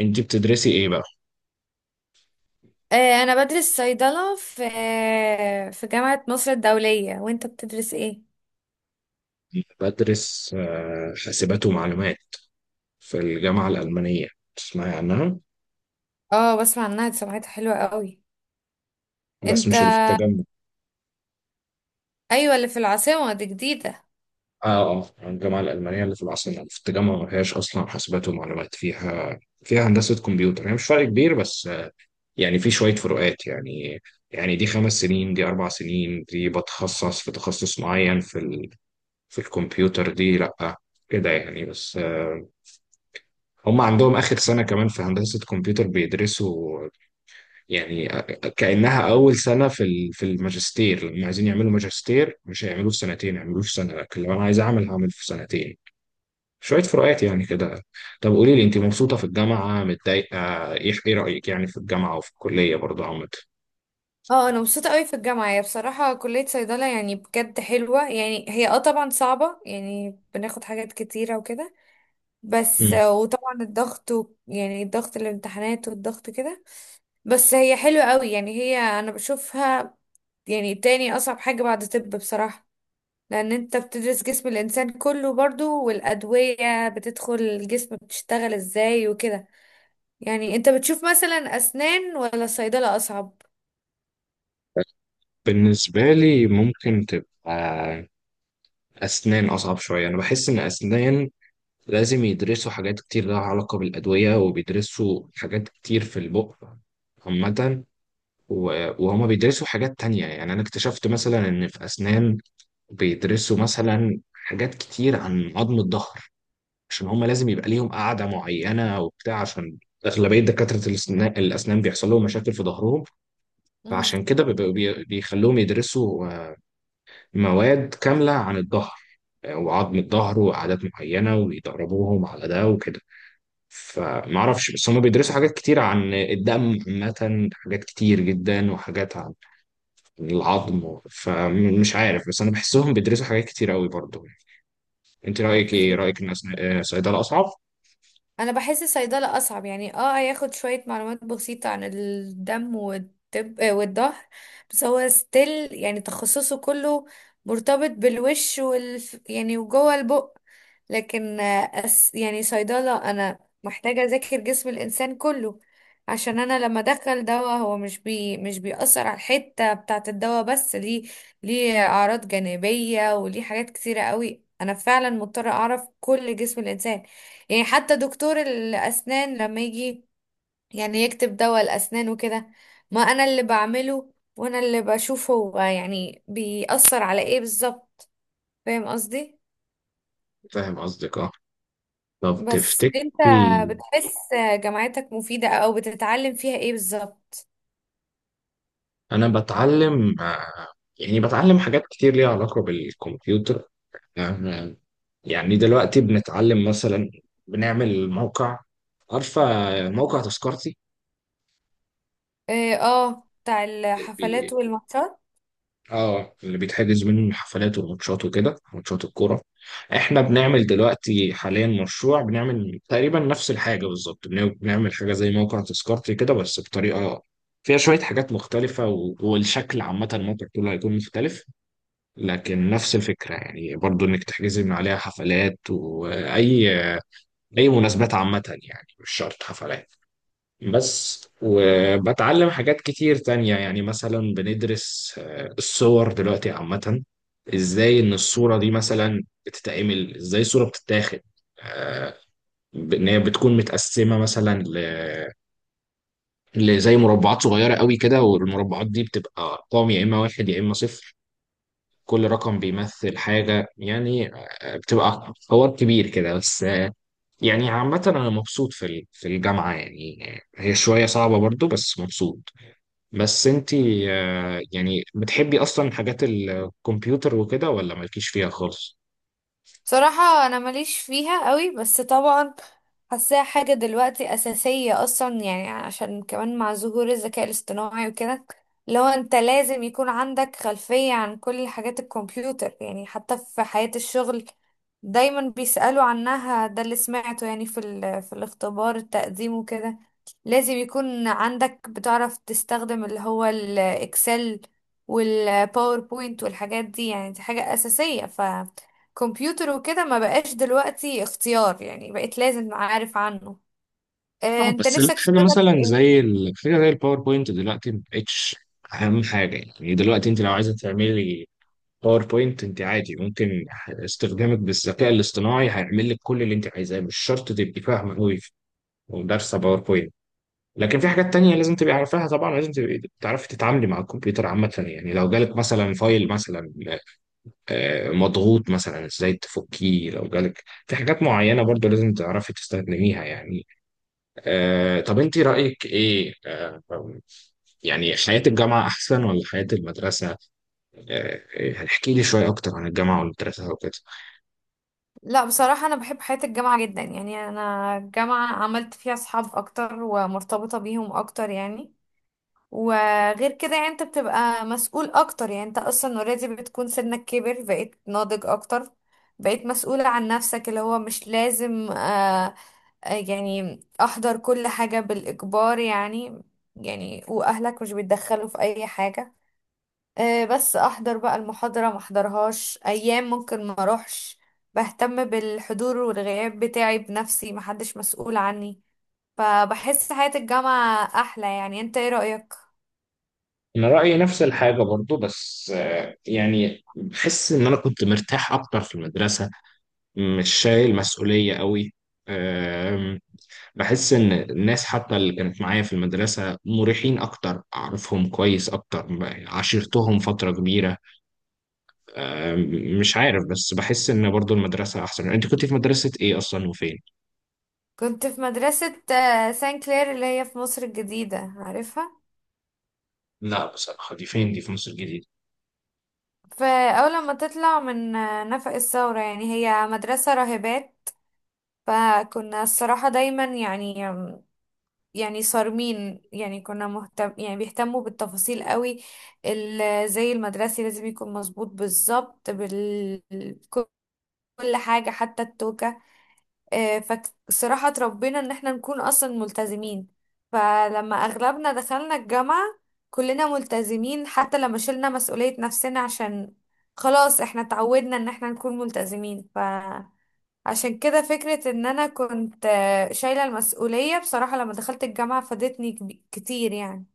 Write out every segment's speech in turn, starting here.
انت بتدرسي ايه بقى؟ آه، انا بدرس صيدلة في جامعة مصر الدولية. وانت بتدرس ايه؟ بدرس حاسبات ومعلومات في الجامعة الألمانية. تسمعي عنها؟ اه، بسمع عنها، دي سمعتها حلوة قوي. بس انت مش اللي في التجمع. ايوه، اللي في العاصمة دي جديدة. اه، اه، الجامعة الألمانية اللي في العاصمة في التجمع ما فيهاش أصلا حاسبات ومعلومات فيها. فيها هندسة كمبيوتر، هي مش فرق كبير، بس يعني في شوية فروقات يعني. يعني دي 5 سنين، دي 4 سنين، دي بتخصص في تخصص معين في الكمبيوتر، دي لأ كده يعني، بس هم عندهم آخر سنة كمان في هندسة كمبيوتر بيدرسوا، يعني كأنها أول سنة في الماجستير، لما عايزين يعملوا ماجستير مش هيعملوه في سنتين، هيعملوه في سنة، لكن لو أنا عايز أعمل هعمل في سنتين. شوية فروقات يعني كده. طب قولي لي، أنت مبسوطة في الجامعة، متضايقة، إيه؟ إيه رأيك يعني في الجامعة وفي الكلية برضه عامة؟ اه، انا مبسوطة قوي في الجامعة. هي بصراحة كلية صيدلة يعني بجد حلوة. يعني هي، اه، طبعا صعبة، يعني بناخد حاجات كتيرة وكده. بس مم. وطبعا الضغط يعني الضغط، الامتحانات والضغط كده. بس هي حلوة قوي يعني. هي انا بشوفها يعني تاني اصعب حاجة بعد طب بصراحة. لان انت بتدرس جسم الانسان كله برضو، والادوية بتدخل الجسم بتشتغل ازاي وكده. يعني انت بتشوف مثلا اسنان ولا صيدلة اصعب؟ بالنسبة لي، ممكن تبقى أسنان أصعب شوية، أنا بحس إن أسنان لازم يدرسوا حاجات كتير لها علاقة بالأدوية، وبيدرسوا حاجات كتير في البق عامة. وهما بيدرسوا حاجات تانية، يعني أنا اكتشفت مثلا إن في أسنان بيدرسوا مثلا حاجات كتير عن عظم الظهر، عشان هما لازم يبقى ليهم قاعدة معينة وبتاع، عشان أغلبية دكاترة الأسنان بيحصل لهم مشاكل في ظهرهم. امم. فعشان كده بيخلوهم يدرسوا مواد كاملة عن الظهر، وعظم الظهر وعادات معينة، ويدربوهم على ده وكده. فمعرفش، بس هما بيدرسوا حاجات كتير عن الدم عامة، حاجات كتير جدا وحاجات العظم، فمش عارف، بس انا بحسهم بيدرسوا حاجات كتير قوي برضو. انت رايك ايه، اوكي. رايك ان صيدله اصعب؟ انا بحس الصيدله اصعب. يعني اه هياخد شويه معلومات بسيطه عن الدم والطب والظهر. بس هو ستيل يعني تخصصه كله مرتبط بالوش يعني وجوه البق. لكن آه، أس يعني صيدله انا محتاجه اذاكر جسم الانسان كله. عشان انا لما ادخل دواء، هو مش بيأثر على الحته بتاعه الدواء بس، ليه اعراض جانبيه وليه حاجات كتيره قوي. انا فعلا مضطره اعرف كل جسم الانسان. يعني حتى دكتور الأسنان لما يجي يعني يكتب دواء الأسنان وكده، ما أنا اللي بعمله، وأنا اللي بشوف هو يعني بيأثر على إيه بالظبط. فاهم قصدي؟ فاهم قصدك، اه. طب بس أنت تفتكري. بتحس جامعتك مفيدة، أو بتتعلم فيها إيه بالظبط؟ انا بتعلم يعني بتعلم حاجات كتير ليها علاقه بالكمبيوتر، آه، يعني دلوقتي بنتعلم مثلا، بنعمل موقع، عارفه موقع تذكرتي؟ إيه، آه، بتاع الحفلات والماتشات. اه، اللي بيتحجز منه الحفلات والماتشات وكده، ماتشات الكوره. احنا بنعمل دلوقتي حاليا مشروع، بنعمل تقريبا نفس الحاجه بالظبط، بنعمل حاجه زي موقع تذكرتي كده، بس بطريقه فيها شويه حاجات مختلفه، والشكل عامه الموقع كله هيكون مختلف، لكن نفس الفكره يعني، برضو انك تحجزي من عليها حفلات، واي اي مناسبات عامه، يعني مش شرط حفلات بس. وبتعلم حاجات كتير تانية، يعني مثلا بندرس الصور دلوقتي عامة، ازاي ان الصورة دي مثلا بتتعمل، ازاي الصورة بتتاخد، آه، ان هي بتكون متقسمة مثلا لزي مربعات صغيرة قوي كده، والمربعات دي بتبقى ارقام، يا اما واحد يا اما صفر، كل رقم بيمثل حاجة، يعني بتبقى حوار كبير كده. بس يعني عامة أنا مبسوط في الجامعة يعني، هي شوية صعبة برضو، بس مبسوط. بس انتي يعني بتحبي اصلا حاجات الكمبيوتر وكده، ولا مالكيش فيها خالص؟ بصراحة أنا ماليش فيها قوي، بس طبعا حاساها حاجة دلوقتي أساسية أصلا. يعني عشان كمان مع ظهور الذكاء الاصطناعي وكده، لو أنت لازم يكون عندك خلفية عن كل حاجات الكمبيوتر. يعني حتى في حياة الشغل دايما بيسألوا عنها، ده اللي سمعته يعني في الاختبار التقديم وكده. لازم يكون عندك، بتعرف تستخدم اللي هو الإكسل والباوربوينت والحاجات دي. يعني دي حاجة أساسية، كمبيوتر وكده ما بقاش دلوقتي اختيار. يعني بقيت لازم عارف عنه. اه، انت بس نفسك حاجه تشتغل في مثلا ايه؟ حاجه زي الباوربوينت دلوقتي مبقتش اهم حاجه. يعني دلوقتي انت لو عايزه تعملي باوربوينت، انت عادي ممكن استخدامك بالذكاء الاصطناعي هيعمل لك كل اللي انت عايزاه، مش شرط تبقي فاهمه قوي ودارسه باوربوينت. لكن في حاجات تانية لازم تبقي عارفاها، طبعا لازم تبقي تعرفي تتعاملي مع الكمبيوتر عامة، يعني لو جالك مثلا فايل مثلا مضغوط، مثلا ازاي تفكيه، لو جالك في حاجات معينة برضو لازم تعرفي تستخدميها يعني. طب انت رأيك ايه، يعني حياة الجامعة احسن ولا حياة المدرسة؟ آه، احكي لي شوية اكتر عن الجامعة والمدرسة وكده. لا، بصراحة انا بحب حياة الجامعة جدا. يعني انا الجامعة عملت فيها اصحاب اكتر، ومرتبطة بيهم اكتر يعني. وغير كده يعني انت بتبقى مسؤول اكتر. يعني انت اصلا اوريدي بتكون سنك كبر، بقيت ناضج اكتر، بقيت مسؤولة عن نفسك. اللي هو مش لازم يعني احضر كل حاجة بالاجبار يعني. يعني واهلك مش بيتدخلوا في اي حاجة. بس احضر بقى المحاضرة، ما احضرهاش ايام، ممكن ما اروحش. بهتم بالحضور والغياب بتاعي بنفسي، محدش مسؤول عني. فبحس حياة الجامعة احلى. يعني انت ايه رأيك؟ انا رأيي نفس الحاجة برضو، بس يعني بحس ان انا كنت مرتاح اكتر في المدرسة، مش شايل مسؤولية قوي، بحس ان الناس حتى اللي كانت معايا في المدرسه مريحين اكتر، اعرفهم كويس اكتر، عاشرتهم فتره كبيره. أم، مش عارف، بس بحس ان برضو المدرسه احسن. انت كنت في مدرسه ايه اصلا، وفين؟ كنت في مدرسة سان كلير، اللي هي في مصر الجديدة، عارفها؟ لا بصراحه، دي فين؟ دي في مصر الجديده؟ فاول لما تطلع من نفق الثورة. يعني هي مدرسة راهبات، فكنا الصراحة دايما يعني، يعني صارمين. يعني كنا مهتم، يعني بيهتموا بالتفاصيل قوي. زي المدرسي لازم يكون مظبوط بالظبط كل حاجة، حتى التوكة. آه، فصراحة اتربينا ان احنا نكون اصلا ملتزمين. فلما اغلبنا دخلنا الجامعة كلنا ملتزمين، حتى لما شلنا مسؤولية نفسنا، عشان خلاص احنا اتعودنا ان احنا نكون ملتزمين. عشان كده فكرة ان انا كنت شايلة المسؤولية بصراحة لما دخلت الجامعة، فادتني كتير يعني.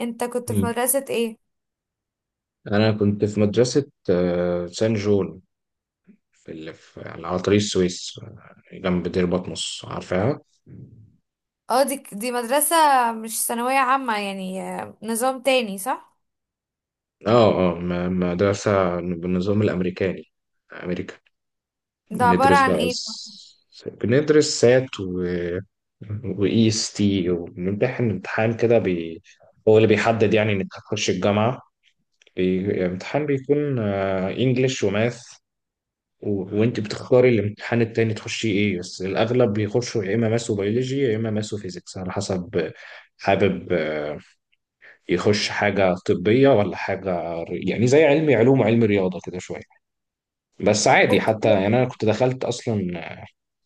انت كنت في مم. مدرسة ايه؟ انا كنت في مدرسه سان جول، في اللي في على طريق السويس، جنب دير بطمس، عارفاها؟ اه، دي مدرسة مش ثانوية عامة يعني، نظام تاني، صح؟ اه، اه، مدرسه بالنظام الامريكاني، امريكان. ده عبارة ندرس عن بقى ايه؟ بندرس سات وEST، وبنمتحن امتحان كده، هو اللي بيحدد يعني إنك هتخش الجامعة، امتحان بيكون انجلش وماث، وانت بتختاري الامتحان التاني تخشي ايه، بس الأغلب بيخشوا يا إما ماث وبيولوجي يا إما ماث وفيزيكس، على حسب حابب يخش حاجة طبية ولا حاجة يعني زي علمي علوم وعلم رياضة كده شوية، بس عادي اوكي. حتى، يعني انا كنت دخلت اصلا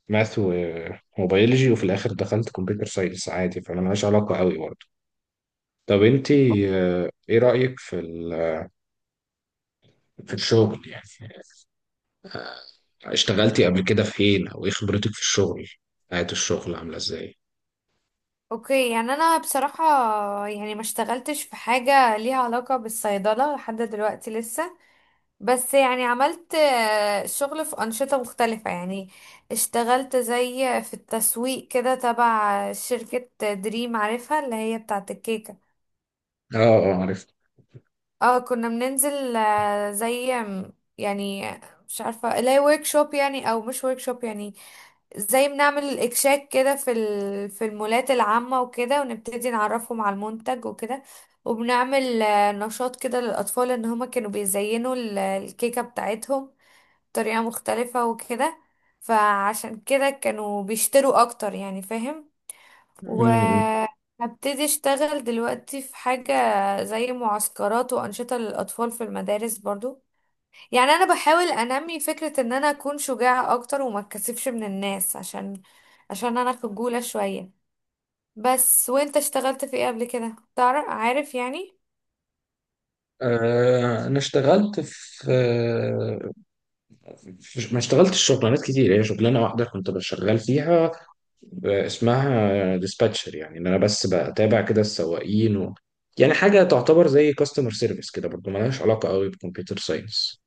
ماث وبيولوجي وفي الاخر دخلت كمبيوتر ساينس عادي، فانا ملهاش علاقه قوي برضه. طب انت ايه رايك في الشغل يعني، اشتغلتي قبل كده فين، او ايه خبرتك في الشغل، حياه الشغل عامله ازاي؟ اوكي، يعني انا بصراحة يعني ما اشتغلتش في حاجة ليها علاقة بالصيدلة لحد دلوقتي لسه. بس يعني عملت شغل في أنشطة مختلفة. يعني اشتغلت زي في التسويق كده، تبع شركة دريم، عارفها اللي هي بتاعة الكيكة. اه، اه، عرفت. اه كنا بننزل زي يعني، مش عارفة اللي هي ورك شوب يعني، او مش ورك شوب يعني. زي بنعمل اكشاك كده في المولات العامة وكده، ونبتدي نعرفهم على المنتج وكده. وبنعمل نشاط كده للأطفال ان هما كانوا بيزينوا الكيكة بتاعتهم طريقة مختلفة وكده. فعشان كده كانوا بيشتروا اكتر يعني، فاهم. امم. وهبتدي اشتغل دلوقتي في حاجة زي معسكرات وانشطة للاطفال في المدارس برضو. يعني انا بحاول انمي فكرة ان انا اكون شجاعة اكتر وما اتكسفش من الناس، عشان انا خجولة شوية. بس، وانت اشتغلت في ايه قبل كده؟ تعرف عارف يعني. انا اشتغلت في ما اشتغلتش شغلانات كتير، هي شغلانه واحده كنت بشتغل فيها، اسمها ديسباتشر، يعني ان انا بس بتابع كده السواقين، يعني حاجه تعتبر زي كاستمر سيرفيس كده، برضو ملهاش علاقه قوي بكمبيوتر ساينس.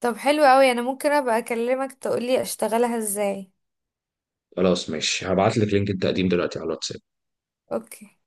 طب حلو قوي، انا ممكن ابقى اكلمك تقولي اشتغلها ازاي. خلاص ماشي، هبعت لك لينك التقديم دلوقتي على الواتساب. اوكي.